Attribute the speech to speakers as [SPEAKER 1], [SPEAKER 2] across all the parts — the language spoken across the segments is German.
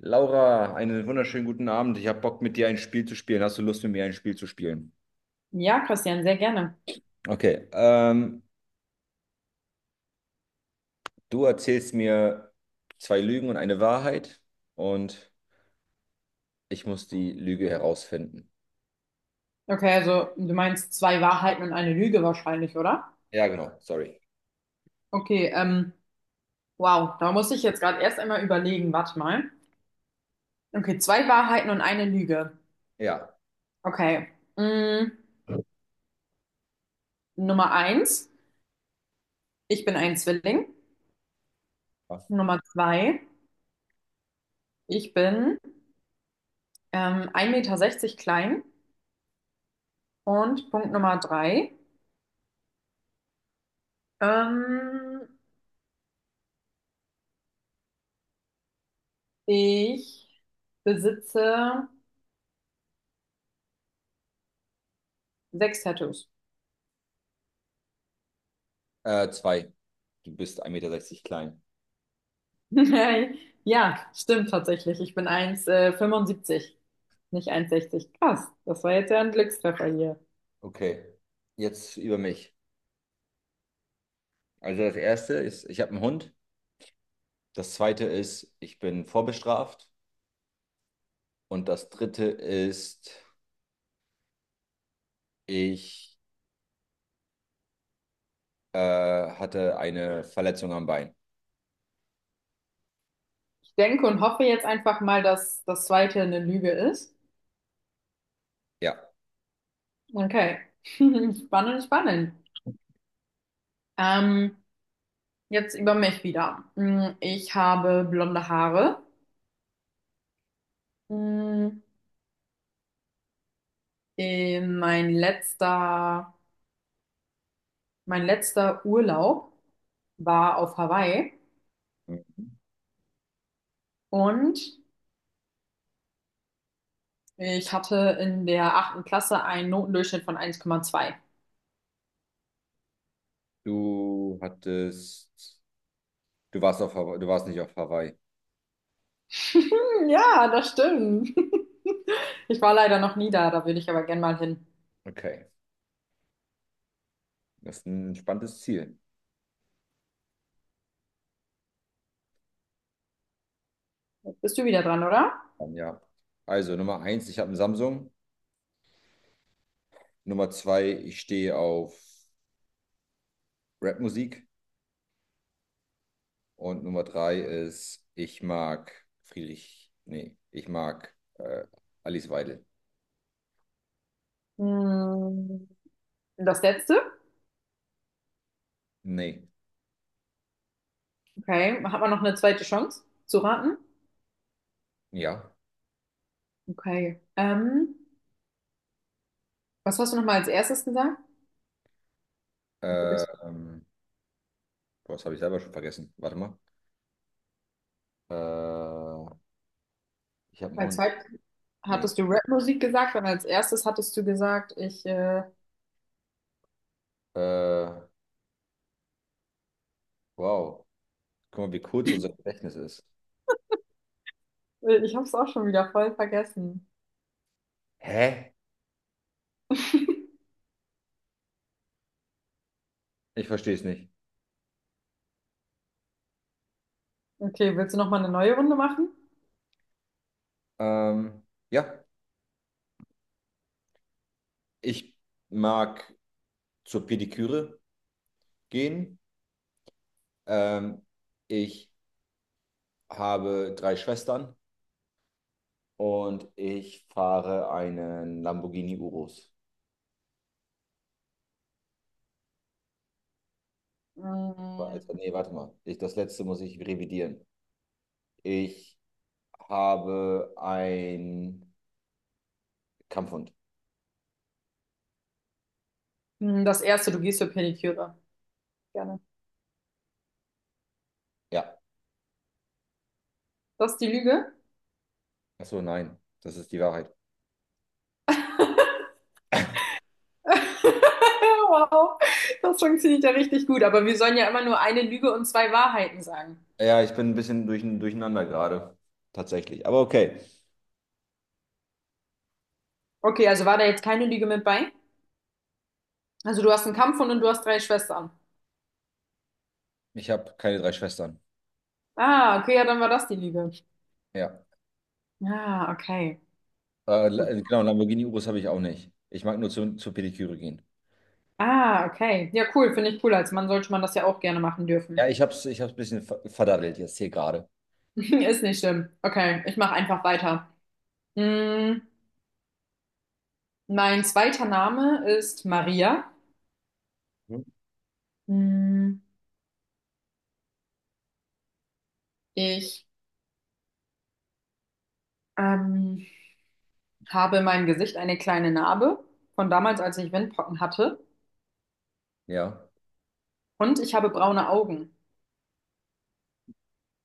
[SPEAKER 1] Laura, einen wunderschönen guten Abend. Ich habe Bock, mit dir ein Spiel zu spielen. Hast du Lust, mit mir ein Spiel zu spielen?
[SPEAKER 2] Ja, Christian, sehr gerne.
[SPEAKER 1] Okay, du erzählst mir zwei Lügen und eine Wahrheit und ich muss die Lüge herausfinden.
[SPEAKER 2] Okay, also du meinst zwei Wahrheiten und eine Lüge wahrscheinlich, oder?
[SPEAKER 1] Ja, genau, sorry.
[SPEAKER 2] Okay, wow, da muss ich jetzt gerade erst einmal überlegen, warte mal. Okay, zwei Wahrheiten und eine Lüge.
[SPEAKER 1] Ja,
[SPEAKER 2] Okay. Mm, Nummer eins, ich bin ein Zwilling. Nummer zwei, ich bin 1,60 Meter klein. Und Punkt Nummer drei, ähm, ich besitze sechs Tattoos.
[SPEAKER 1] zwei. Du bist 1,60 Meter klein.
[SPEAKER 2] Ja, stimmt tatsächlich. Ich bin 1,75, nicht 1,60. Krass, das war jetzt ja ein Glückstreffer hier.
[SPEAKER 1] Okay, jetzt über mich. Also das erste ist, ich habe einen Hund. Das zweite ist, ich bin vorbestraft. Und das dritte ist, ich hatte eine Verletzung am Bein.
[SPEAKER 2] Ich denke und hoffe jetzt einfach mal, dass das zweite eine Lüge ist.
[SPEAKER 1] Ja.
[SPEAKER 2] Okay, spannend, spannend. Ähm, jetzt über mich wieder. Ich habe blonde Haare. Hm, äh, Mein letzter, mein letzter Urlaub war auf Hawaii und ich hatte in der achten Klasse einen Notendurchschnitt von 1,2.
[SPEAKER 1] Du hattest, du warst auf Hawaii, du warst nicht auf Hawaii.
[SPEAKER 2] Ja, das stimmt. Ich war leider noch nie da, da würde ich aber gern mal hin.
[SPEAKER 1] Okay. Das ist ein spannendes Ziel.
[SPEAKER 2] Jetzt bist du wieder dran, oder?
[SPEAKER 1] Dann, ja. Also Nummer eins, ich habe einen Samsung. Nummer zwei, ich stehe auf Rapmusik. Und Nummer drei ist, ich mag Friedrich. Nee, ich mag Alice Weidel.
[SPEAKER 2] Hm, Das letzte.
[SPEAKER 1] Nee.
[SPEAKER 2] Okay. Hat man noch eine zweite Chance zu raten?
[SPEAKER 1] Ja.
[SPEAKER 2] Okay. Was hast du nochmal als erstes gesagt? Jetzt hab
[SPEAKER 1] Äh,
[SPEAKER 2] ich's-
[SPEAKER 1] Ähm, boah, das habe ich selber schon vergessen. Warte mal. Äh, ich habe einen
[SPEAKER 2] Als
[SPEAKER 1] Hund.
[SPEAKER 2] zweites
[SPEAKER 1] Nee.
[SPEAKER 2] hattest du Rap-Musik gesagt und als erstes hattest du gesagt, ich, äh,
[SPEAKER 1] Äh, wow. Guck mal, wie kurz unser Gedächtnis ist.
[SPEAKER 2] ich habe es auch schon wieder voll vergessen.
[SPEAKER 1] Hä? Ich verstehe es nicht.
[SPEAKER 2] Okay, willst du nochmal eine neue Runde machen?
[SPEAKER 1] Ähm, ja, ich mag zur Pediküre gehen. Ähm, ich habe drei Schwestern und ich fahre einen Lamborghini Urus.
[SPEAKER 2] Hm.
[SPEAKER 1] Also, nee, warte mal. Ich, das letzte muss ich revidieren. Ich habe einen Kampfhund.
[SPEAKER 2] Das erste, du gehst für Pediküre. Gerne.
[SPEAKER 1] Ja.
[SPEAKER 2] Das ist die Lüge?
[SPEAKER 1] Ach so, nein. Das ist die Wahrheit.
[SPEAKER 2] Wow, das funktioniert ja richtig gut. Aber wir sollen ja immer nur eine Lüge und zwei Wahrheiten sagen.
[SPEAKER 1] Ja, ich bin ein bisschen durcheinander gerade. Tatsächlich. Aber okay.
[SPEAKER 2] Okay, also war da jetzt keine Lüge mit bei? Also du hast einen Kampfhund und du hast drei Schwestern.
[SPEAKER 1] Ich habe keine drei Schwestern.
[SPEAKER 2] Ah, okay, ja, dann war das die Lüge.
[SPEAKER 1] Ja.
[SPEAKER 2] Ah, okay. Gut.
[SPEAKER 1] Genau, Lamborghini-Urus habe ich auch nicht. Ich mag nur zur Pediküre gehen.
[SPEAKER 2] Ah, okay. Ja, cool, finde ich cool. Als Mann sollte man das ja auch gerne machen
[SPEAKER 1] Ja,
[SPEAKER 2] dürfen.
[SPEAKER 1] ich habe es ich hab's ein bisschen verdaddelt jetzt hier gerade.
[SPEAKER 2] Ist nicht schlimm. Okay, ich mache einfach weiter. Hm, Mein zweiter Name ist Maria.
[SPEAKER 1] Mhm.
[SPEAKER 2] Hm, ich Ähm, habe in meinem Gesicht eine kleine Narbe von damals, als ich Windpocken hatte.
[SPEAKER 1] Ja,
[SPEAKER 2] Und ich habe braune Augen.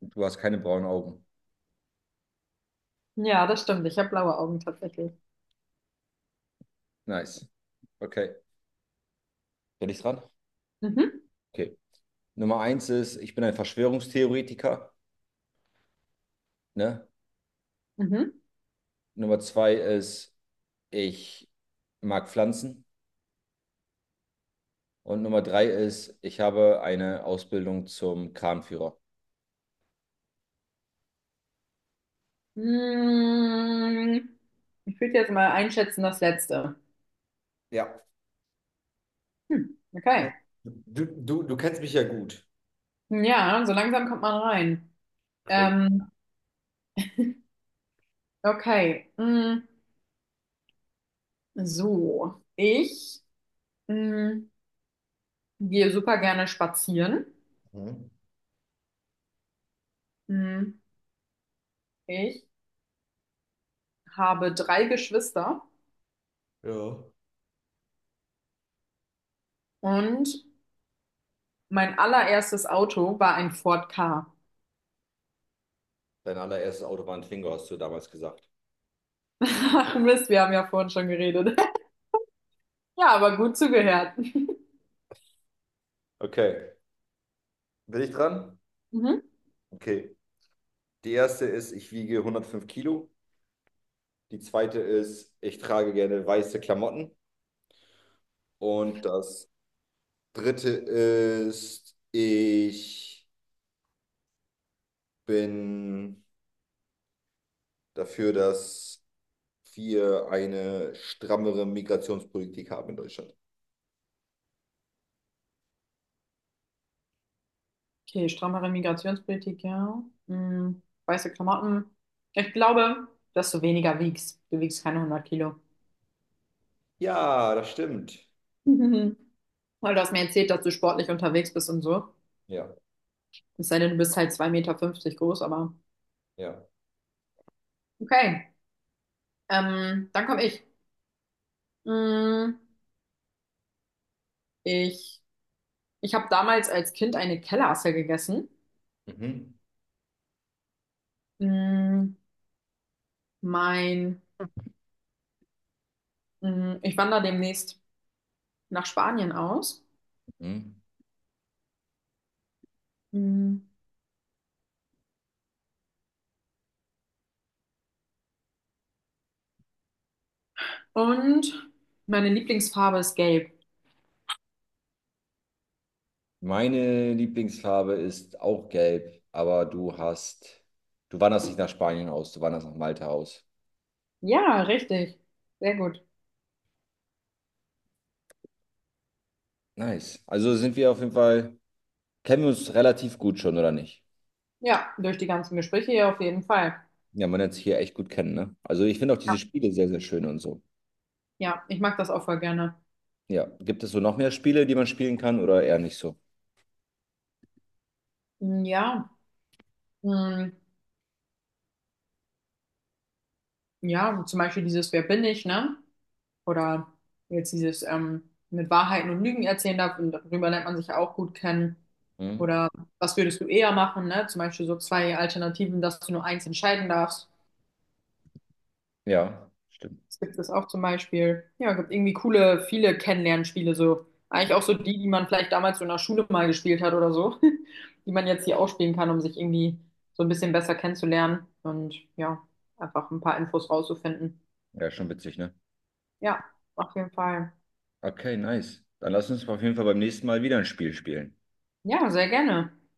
[SPEAKER 1] du hast keine braunen Augen.
[SPEAKER 2] Ja, das stimmt. Ich habe blaue Augen tatsächlich.
[SPEAKER 1] Nice. Okay. Bin ich dran?
[SPEAKER 2] Mhm,
[SPEAKER 1] Okay. Nummer eins ist, ich bin ein Verschwörungstheoretiker. Ne?
[SPEAKER 2] mhm.
[SPEAKER 1] Nummer zwei ist, ich mag Pflanzen. Und Nummer drei ist, ich habe eine Ausbildung zum Kranführer.
[SPEAKER 2] Mm, Ich würde jetzt mal einschätzen, das letzte.
[SPEAKER 1] Ja.
[SPEAKER 2] Hm, okay.
[SPEAKER 1] Du kennst mich ja gut.
[SPEAKER 2] Ja, so langsam kommt man rein.
[SPEAKER 1] Crazy.
[SPEAKER 2] Ähm, okay. So, ich mm, gehe super gerne spazieren.
[SPEAKER 1] Mhm.
[SPEAKER 2] Mm, Ich habe drei Geschwister
[SPEAKER 1] Ja.
[SPEAKER 2] und mein allererstes Auto war ein Ford Ka.
[SPEAKER 1] Dein allererstes Auto war ein Twingo, hast du damals gesagt.
[SPEAKER 2] Ach Mist, wir haben ja vorhin schon geredet. Ja, aber gut zugehört.
[SPEAKER 1] Okay. Bin ich dran?
[SPEAKER 2] Mhm.
[SPEAKER 1] Okay. Die erste ist, ich wiege 105 Kilo. Die zweite ist, ich trage gerne weiße Klamotten. Und das dritte ist, ich bin dafür, dass wir eine strammere Migrationspolitik haben in Deutschland.
[SPEAKER 2] Okay, strammere Migrationspolitik, ja. Weiße Klamotten. Ich glaube, dass du weniger wiegst. Du wiegst keine 100 Kilo.
[SPEAKER 1] Ja, das stimmt.
[SPEAKER 2] Mhm. Weil du hast mir erzählt, dass du sportlich unterwegs bist und so.
[SPEAKER 1] Ja,
[SPEAKER 2] Es sei denn, du bist halt 2,50 m groß, aber
[SPEAKER 1] ja.
[SPEAKER 2] okay. Dann komme ich. Hm, ich ich habe damals als Kind eine Kellerasse gegessen.
[SPEAKER 1] Mhm.
[SPEAKER 2] Hm, mein Ich wandere demnächst nach Spanien aus.
[SPEAKER 1] Mhm.
[SPEAKER 2] Mm, Und meine Lieblingsfarbe ist gelb.
[SPEAKER 1] Meine Lieblingsfarbe ist auch gelb, aber du hast, du wanderst nicht nach Spanien aus, du wanderst nach Malta aus.
[SPEAKER 2] Ja, richtig. Sehr gut.
[SPEAKER 1] Nice. Also sind wir auf jeden Fall, kennen wir uns relativ gut schon, oder nicht?
[SPEAKER 2] Ja, durch die ganzen Gespräche hier auf jeden Fall.
[SPEAKER 1] Ja, man lernt sich hier echt gut kennen, ne? Also ich finde auch diese Spiele sehr, sehr schön und so.
[SPEAKER 2] Ja, ich mag das auch voll gerne.
[SPEAKER 1] Ja, gibt es so noch mehr Spiele, die man spielen kann oder eher nicht so?
[SPEAKER 2] Mm, ja, mm, ja, zum Beispiel dieses Wer bin ich, ne? Oder jetzt dieses mit Wahrheiten und Lügen erzählen darf und darüber lernt man sich ja auch gut kennen.
[SPEAKER 1] Hm?
[SPEAKER 2] Oder was würdest du eher machen, ne? Zum Beispiel so zwei Alternativen, dass du nur eins entscheiden darfst.
[SPEAKER 1] Ja, stimmt.
[SPEAKER 2] Es gibt es auch zum Beispiel, ja, gibt irgendwie coole, viele Kennenlernspiele so. Eigentlich auch so die, die man vielleicht damals so in der Schule mal gespielt hat oder so, die man jetzt hier auch spielen kann, um sich irgendwie so ein bisschen besser kennenzulernen und ja, einfach ein paar Infos rauszufinden.
[SPEAKER 1] Ja, schon witzig, ne?
[SPEAKER 2] Ja, auf jeden Fall.
[SPEAKER 1] Okay, nice. Dann lass uns auf jeden Fall beim nächsten Mal wieder ein Spiel spielen.
[SPEAKER 2] Ja, sehr gerne.